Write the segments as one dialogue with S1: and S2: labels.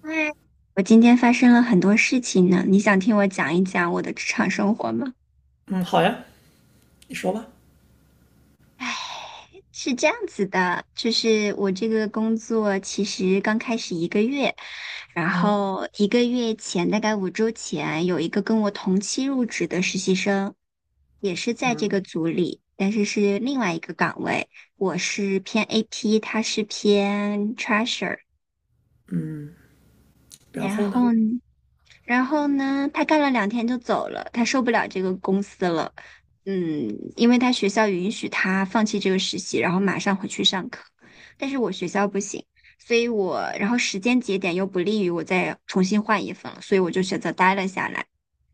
S1: 嗨，我今天发生了很多事情呢，你想听我讲一讲我的职场生活吗？
S2: 嗯，好呀，你说吧。
S1: 唉，是这样子的，就是我这个工作其实刚开始一个月，然
S2: 嗯
S1: 后1个月前，大概5周前，有一个跟我同期入职的实习生，也是在这
S2: 嗯
S1: 个组里，但是是另外一个岗位，我是偏 AP，他是偏 Treasure。
S2: 嗯，然
S1: 然
S2: 后呢？
S1: 后呢？然后呢，他干了两天就走了，他受不了这个公司了。嗯。因为他学校允许他放弃这个实习，然后马上回去上课。但是我学校不行，所以我，然后时间节点又不利于我再重新换一份了，所以我就选择待了下来。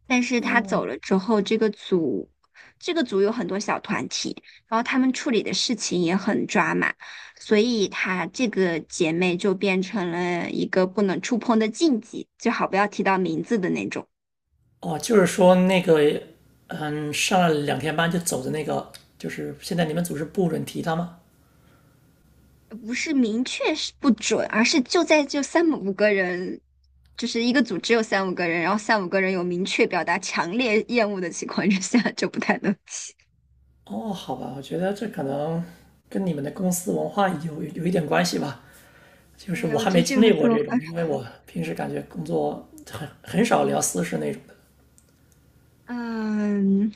S1: 但是他
S2: 哦
S1: 走了之后，这个组有很多小团体，然后他们处理的事情也很抓马，所以他这个姐妹就变成了一个不能触碰的禁忌，最好不要提到名字的那种。
S2: 哦，就是说那个，上了2天班就走的那个，就是现在你们组织不准提他吗？
S1: 不是明确是不准，而是就三五个人，就是一个组只有三五个人，然后三五个人有明确表达强烈厌恶的情况之下，就不太能提。
S2: 哦，好吧，我觉得这可能跟你们的公司文化有一点关系吧。就是
S1: 对，
S2: 我
S1: 我
S2: 还
S1: 觉
S2: 没
S1: 得这
S2: 经
S1: 个
S2: 历过
S1: 做作
S2: 这种，因为我平时感觉工作很少聊私事那种的。
S1: 嗯，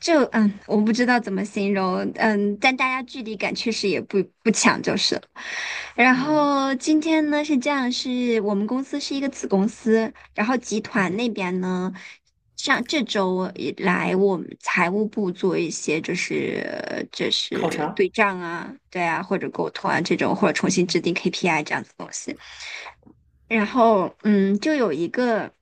S1: 就，我不知道怎么形容，但大家距离感确实也不强，就是了。然后今天呢是这样，是我们公司是一个子公司，然后集团那边呢，上这周以来我们财务部做一些就是就
S2: 考
S1: 是对
S2: 察？
S1: 账啊，对啊，或者沟通啊这种，或者重新制定 KPI 这样子的东西。然后就有一个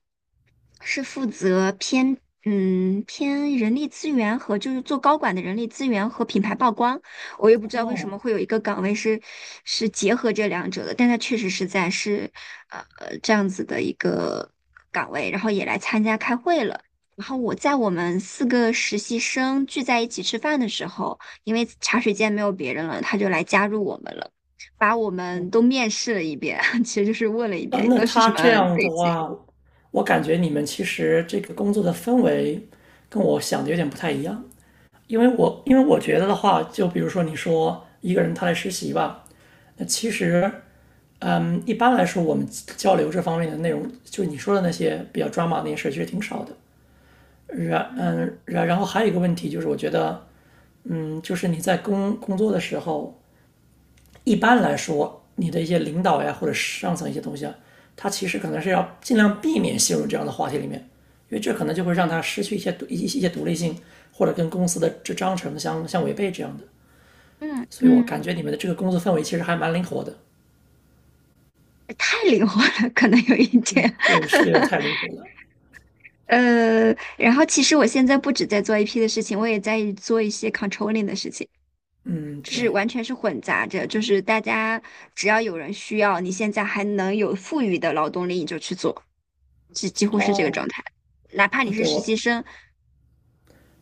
S1: 是负责偏人力资源和就是做高管的人力资源和品牌曝光，我也不知道为什么
S2: 哦
S1: 会有一个岗位是是结合这两者的，但它确实是这样子的一个岗位，然后也来参加开会了。然后我在我们四个实习生聚在一起吃饭的时候，因为茶水间没有别人了，他就来加入我们了。把我们都面试了一遍，其实就是问了一
S2: 啊，
S1: 遍
S2: 那
S1: 都是什
S2: 他
S1: 么
S2: 这样
S1: 背
S2: 的
S1: 景。
S2: 话，我感觉你们其实这个工作的氛围跟我想的有点不太一样，因为我觉得的话，就比如说你说一个人他来实习吧，那其实，一般来说我们交流这方面的内容，就你说的那些比较抓马那些事儿，其实挺少的。然
S1: 嗯
S2: 嗯，然然后还有一个问题就是，我觉得，就是你在工作的时候，一般来说，你的一些领导呀，或者上层一些东西啊，他其实可能是要尽量避免陷入这样的话题里面，因为这可能就会让
S1: 嗯
S2: 他失去一些独立性，或者跟公司的这章程相违背这样的。
S1: 嗯
S2: 所以我
S1: 嗯。
S2: 感觉你们的这个工作氛围其实还蛮灵活的。
S1: 太灵活了，可能有一点。
S2: 对，是有点太灵活了。
S1: 呃，然后其实我现在不止在做 AP 的事情，我也在做一些 controlling 的事情，
S2: 嗯，
S1: 就是
S2: 对，
S1: 完全是混杂着，就是大家只要有人需要，你现在还能有富裕的劳动力，你就去做，几乎是这个状
S2: 哦，
S1: 态。哪怕
S2: 哦，
S1: 你是
S2: 对
S1: 实习
S2: 我
S1: 生，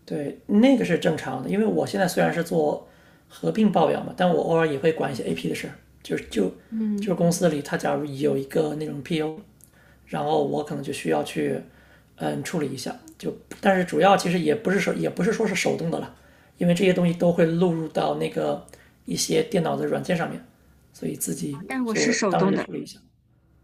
S2: 对，那个是正常的，因为我现在虽然是做合并报表嘛，但我偶尔也会管一
S1: 嗯。
S2: 些 AP 的事。就是就就
S1: 嗯
S2: 是公司里他假如有一个那种 PO，然后我可能就需要去处理一下，就但是主要其实也不是说是手动的了，因为这些东西都会录入到那个一些电脑的软件上面，所以自己
S1: 但我
S2: 所以
S1: 是
S2: 我
S1: 手
S2: 当
S1: 动
S2: 时就
S1: 的，
S2: 处理一下，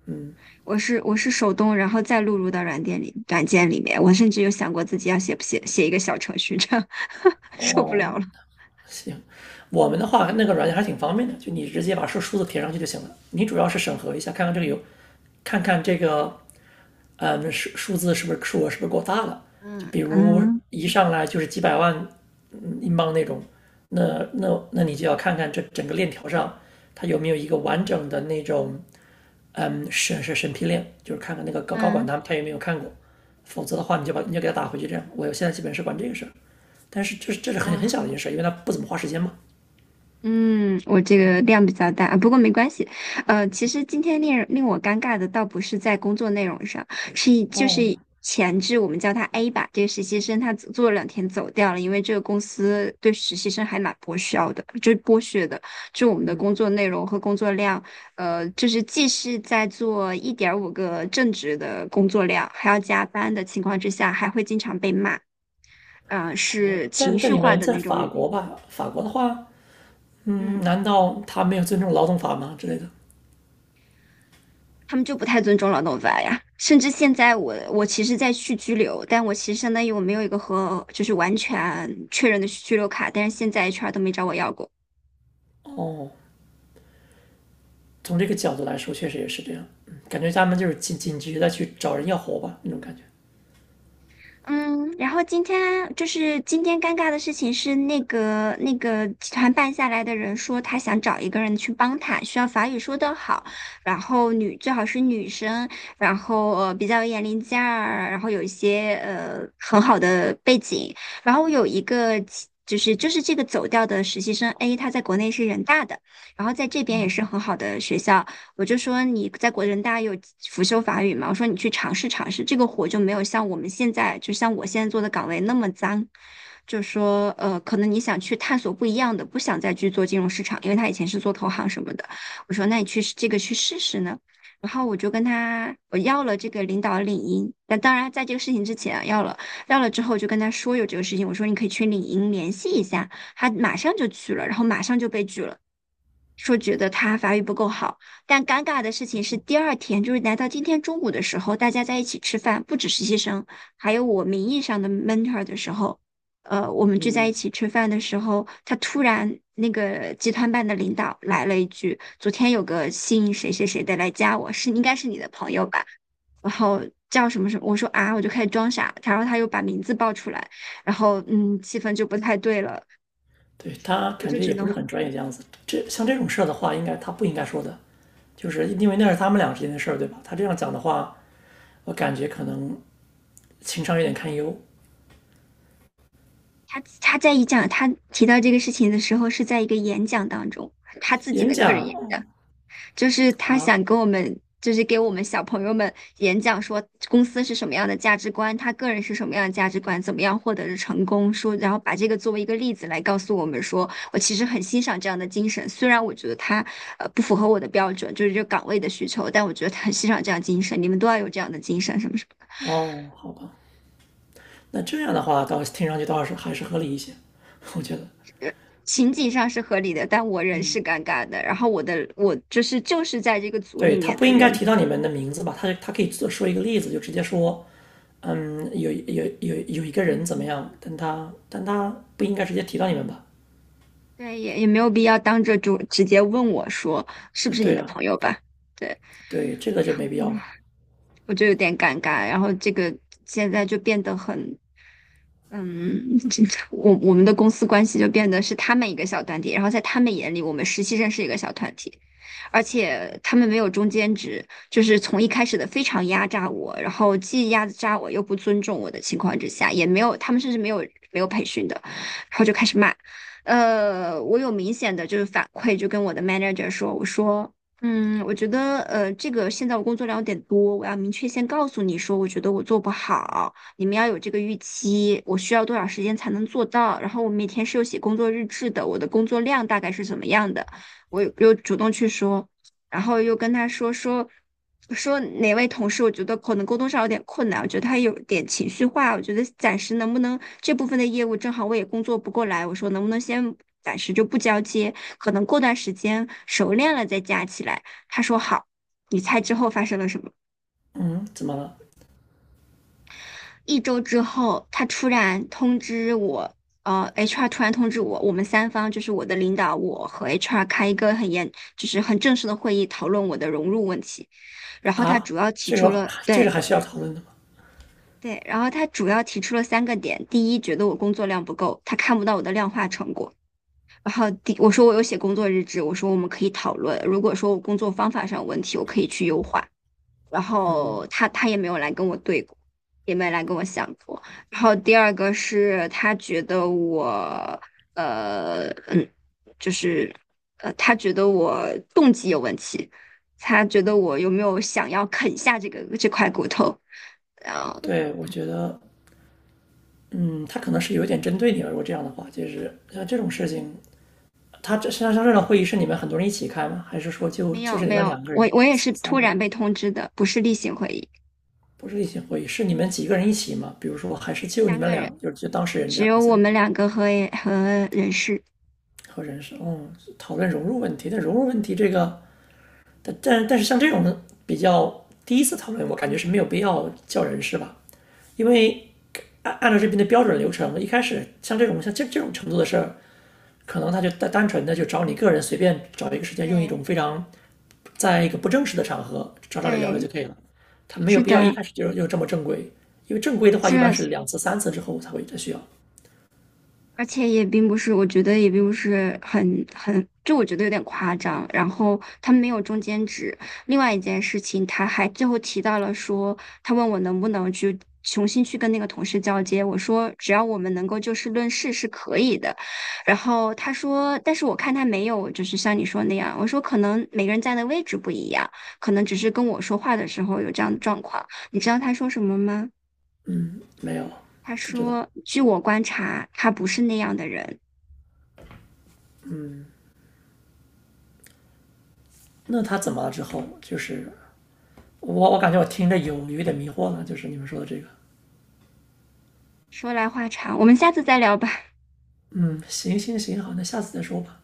S2: 嗯，
S1: 我是手动，然后再录入到软件里面。我甚至有想过自己要写不写写一个小程序，这样 受不
S2: 哦，
S1: 了了。
S2: 行。我们的话那个软件还挺方便的，就你直接把数字填上去就行了。你主要是审核一下，看看这个有，看看这个，数额是不是够大了？就
S1: 嗯
S2: 比如
S1: 嗯
S2: 一上来就是几百万英镑那种，那你就要看看这整个链条上它有没有一个完整的那种审批链，就是看看那个高管
S1: 嗯
S2: 他有没有看过，否则的话你就给他打回去这样。我现在基本是管这个事儿，但是这是很
S1: 嗯。
S2: 很小的一件事，因为他不怎么花时间嘛。
S1: 嗯，我这个量比较大，不过没关系。其实今天令我尴尬的倒不是在工作内容上，就是
S2: 哦，
S1: 前置我们叫他 A 吧，这个实习生他做了两天走掉了，因为这个公司对实习生还蛮剥削的，就是剥削的，就我们的
S2: 嗯，
S1: 工作内容和工作量，就是既是在做1.5个正职的工作量，还要加班的情况之下，还会经常被骂，
S2: 我
S1: 是情
S2: 但但
S1: 绪
S2: 你
S1: 化
S2: 们
S1: 的
S2: 在
S1: 那种。
S2: 法国吧？法国的话，
S1: 嗯。
S2: 难道他没有尊重劳动法吗之类的？
S1: 他们就不太尊重劳动法呀。甚至现在我其实在续居留，但我其实相当于我没有一个和就是完全确认的居留卡，但是现在 HR 都没找我要过。
S2: 哦，从这个角度来说，确实也是这样。嗯，感觉他们就是紧急的去找人要活吧，那种感觉。
S1: 嗯，然后今天就是今天尴尬的事情是那个集团办下来的人说他想找一个人去帮他，需要法语说得好，然后最好是女生，然后比较有眼力劲儿，然后有一些很好的背景，然后我有一个其就是就是这个走掉的实习生 A，他在国内是人大的，然后在这边也是很好的学校。我就说你在国人大有辅修法语嘛，我说你去尝试尝试，这个活就没有像我们现在，就像我现在做的岗位那么脏。就说可能你想去探索不一样的，不想再去做金融市场，因为他以前是做投行什么的。我说那你去这个去试试呢。然后我就跟他我要了这个领导的领英，那当然在这个事情之前啊要了，要了之后就跟他说有这个事情，我说你可以去领英联系一下，他马上就去了，然后马上就被拒了，说觉得他法语不够好，但尴尬的事情是，第二天就是来到今天中午的时候，大家在一起吃饭，不止实习生，还有我名义上的 mentor 的时候，我们聚在一
S2: 嗯，
S1: 起吃饭的时候，他突然那个集团办的领导来了一句：“昨天有个姓谁谁谁的来加我，是应该是你的朋友吧？”然后叫什么什么，我说啊，我就开始装傻，然后他又把名字报出来，然后气氛就不太对了，
S2: 对，他
S1: 我
S2: 感
S1: 就
S2: 觉
S1: 只
S2: 也不
S1: 能。
S2: 是很专业的样子。这像这种事儿的话，应该他不应该说的，就是因为那是他们俩之间的事儿，对吧？他这样讲的话，我感觉可能情商有点堪忧。
S1: 他他在一讲他提到这个事情的时候，是在一个演讲当中，他自己
S2: 演
S1: 的个人
S2: 讲
S1: 演讲，就是他
S2: 啊，
S1: 想跟我们，就是给我们小朋友们演讲说公司是什么样的价值观，他个人是什么样的价值观，怎么样获得的成功，说然后把这个作为一个例子来告诉我们说，我其实很欣赏这样的精神，虽然我觉得他不符合我的标准，就是这个岗位的需求，但我觉得他很欣赏这样精神，你们都要有这样的精神，什么什么。
S2: 哦，好吧。那这样的话，倒听上去倒是还是合理一些，我觉得。
S1: 情景上是合理的，但我人是尴尬的。然后我的我就是在这个组里
S2: 对他
S1: 面
S2: 不
S1: 的
S2: 应该
S1: 人，
S2: 提到你们的名字吧？他可以做说一个例子，就直接说，有一个人怎么样？但他不应该直接提到你们吧？
S1: 对，也没有必要当着就直接问我说是不是你
S2: 对
S1: 的
S2: 啊，
S1: 朋友吧？对，
S2: 对，这个就没必要了。
S1: 嗯我就有点尴尬。然后这个现在就变得很嗯，这我们的公司关系就变得是他们一个小团体，然后在他们眼里，我们实习生是一个小团体，而且他们没有中间值，就是从一开始的非常压榨我，然后既压榨我又不尊重我的情况之下，也没有他们甚至没有没有培训的，然后就开始骂，我有明显的就是反馈，就跟我的 manager 说，我说。嗯，我觉得这个现在我工作量有点多，我要明确先告诉你说，我觉得我做不好。你们要有这个预期，我需要多少时间才能做到？然后我每天是有写工作日志的，我的工作量大概是怎么样的？我又主动去说，然后又跟他说哪位同事，我觉得可能沟通上有点困难，我觉得他有点情绪化，我觉得暂时能不能这部分的业务正好我也工作不过来，我说能不能先暂时就不交接，可能过段时间熟练了再加起来。他说好，你猜之后发生了什么？
S2: 嗯，怎么了？
S1: 1周之后，他突然通知我，HR 突然通知我，我们三方就是我的领导，我和 HR 开一个很严，就是很正式的会议，讨论我的融入问题。然后他主
S2: 啊，
S1: 要提
S2: 这
S1: 出
S2: 个
S1: 了，
S2: 这
S1: 对
S2: 个还需要讨论的吗？
S1: 对。然后他主要提出了三个点：第一，觉得我工作量不够，他看不到我的量化成果；然后第，我说我有写工作日志，我说我们可以讨论，如果说我工作方法上有问题，我可以去优化。然后他也没有来跟我对过，也没来跟我想过。然后第二个是呃嗯，就是他觉得我动机有问题，他觉得我有没有想要啃下这块骨头，然后
S2: 对，我觉得，嗯，他可能是有点针对你了。如果这样的话，就是像这种事情，他这像这种会议是你们很多人一起开吗？还是说就
S1: 没
S2: 就
S1: 有
S2: 是你
S1: 没
S2: 们
S1: 有，
S2: 两个
S1: 我
S2: 人、
S1: 我也是
S2: 三
S1: 突
S2: 个
S1: 然
S2: 人？
S1: 被通知的，不是例行会议，
S2: 不是例行会议，是你们几个人一起嘛？比如说，还是就你
S1: 三
S2: 们
S1: 个人
S2: 俩，就是就当事人这
S1: 只
S2: 样
S1: 有我
S2: 子，
S1: 们两个和人事，
S2: 和人事，讨论融入问题。但融入问题这个，但是像这种比较第一次讨论，我感觉是没有必要叫人事吧，因为按照这边的标准流程，一开始像这种程度的事儿，可能他就单纯的就找你个人随便找一个时间，用一
S1: 对
S2: 种非常在一个不正式的场合找找你聊聊就
S1: 对，
S2: 可以了，他没有
S1: 是
S2: 必要一
S1: 的，
S2: 开始就这么正规，因为正规的话一般
S1: 这
S2: 是2次3次之后才会再需要，
S1: 而且也并不是，我觉得也并不是很，就我觉得有点夸张。然后他没有中间值。另外一件事情，他还最后提到了说，他问我能不能去重新去跟那个同事交接。我说只要我们能够就事论事是可以的。然后他说，但是我看他没有，就是像你说那样。我说可能每个人站的位置不一样，可能只是跟我说话的时候有这样的状况。你知道他说什么吗？
S2: 没有
S1: 他
S2: 不知道。
S1: 说：“据我观察，他不是那样的人。”
S2: 那他怎么了之后，就是我感觉我听着有一点迷惑了，就是你们说的这个，
S1: 说来话长，我们下次再聊吧。
S2: 嗯，行行行，好，那下次再说吧。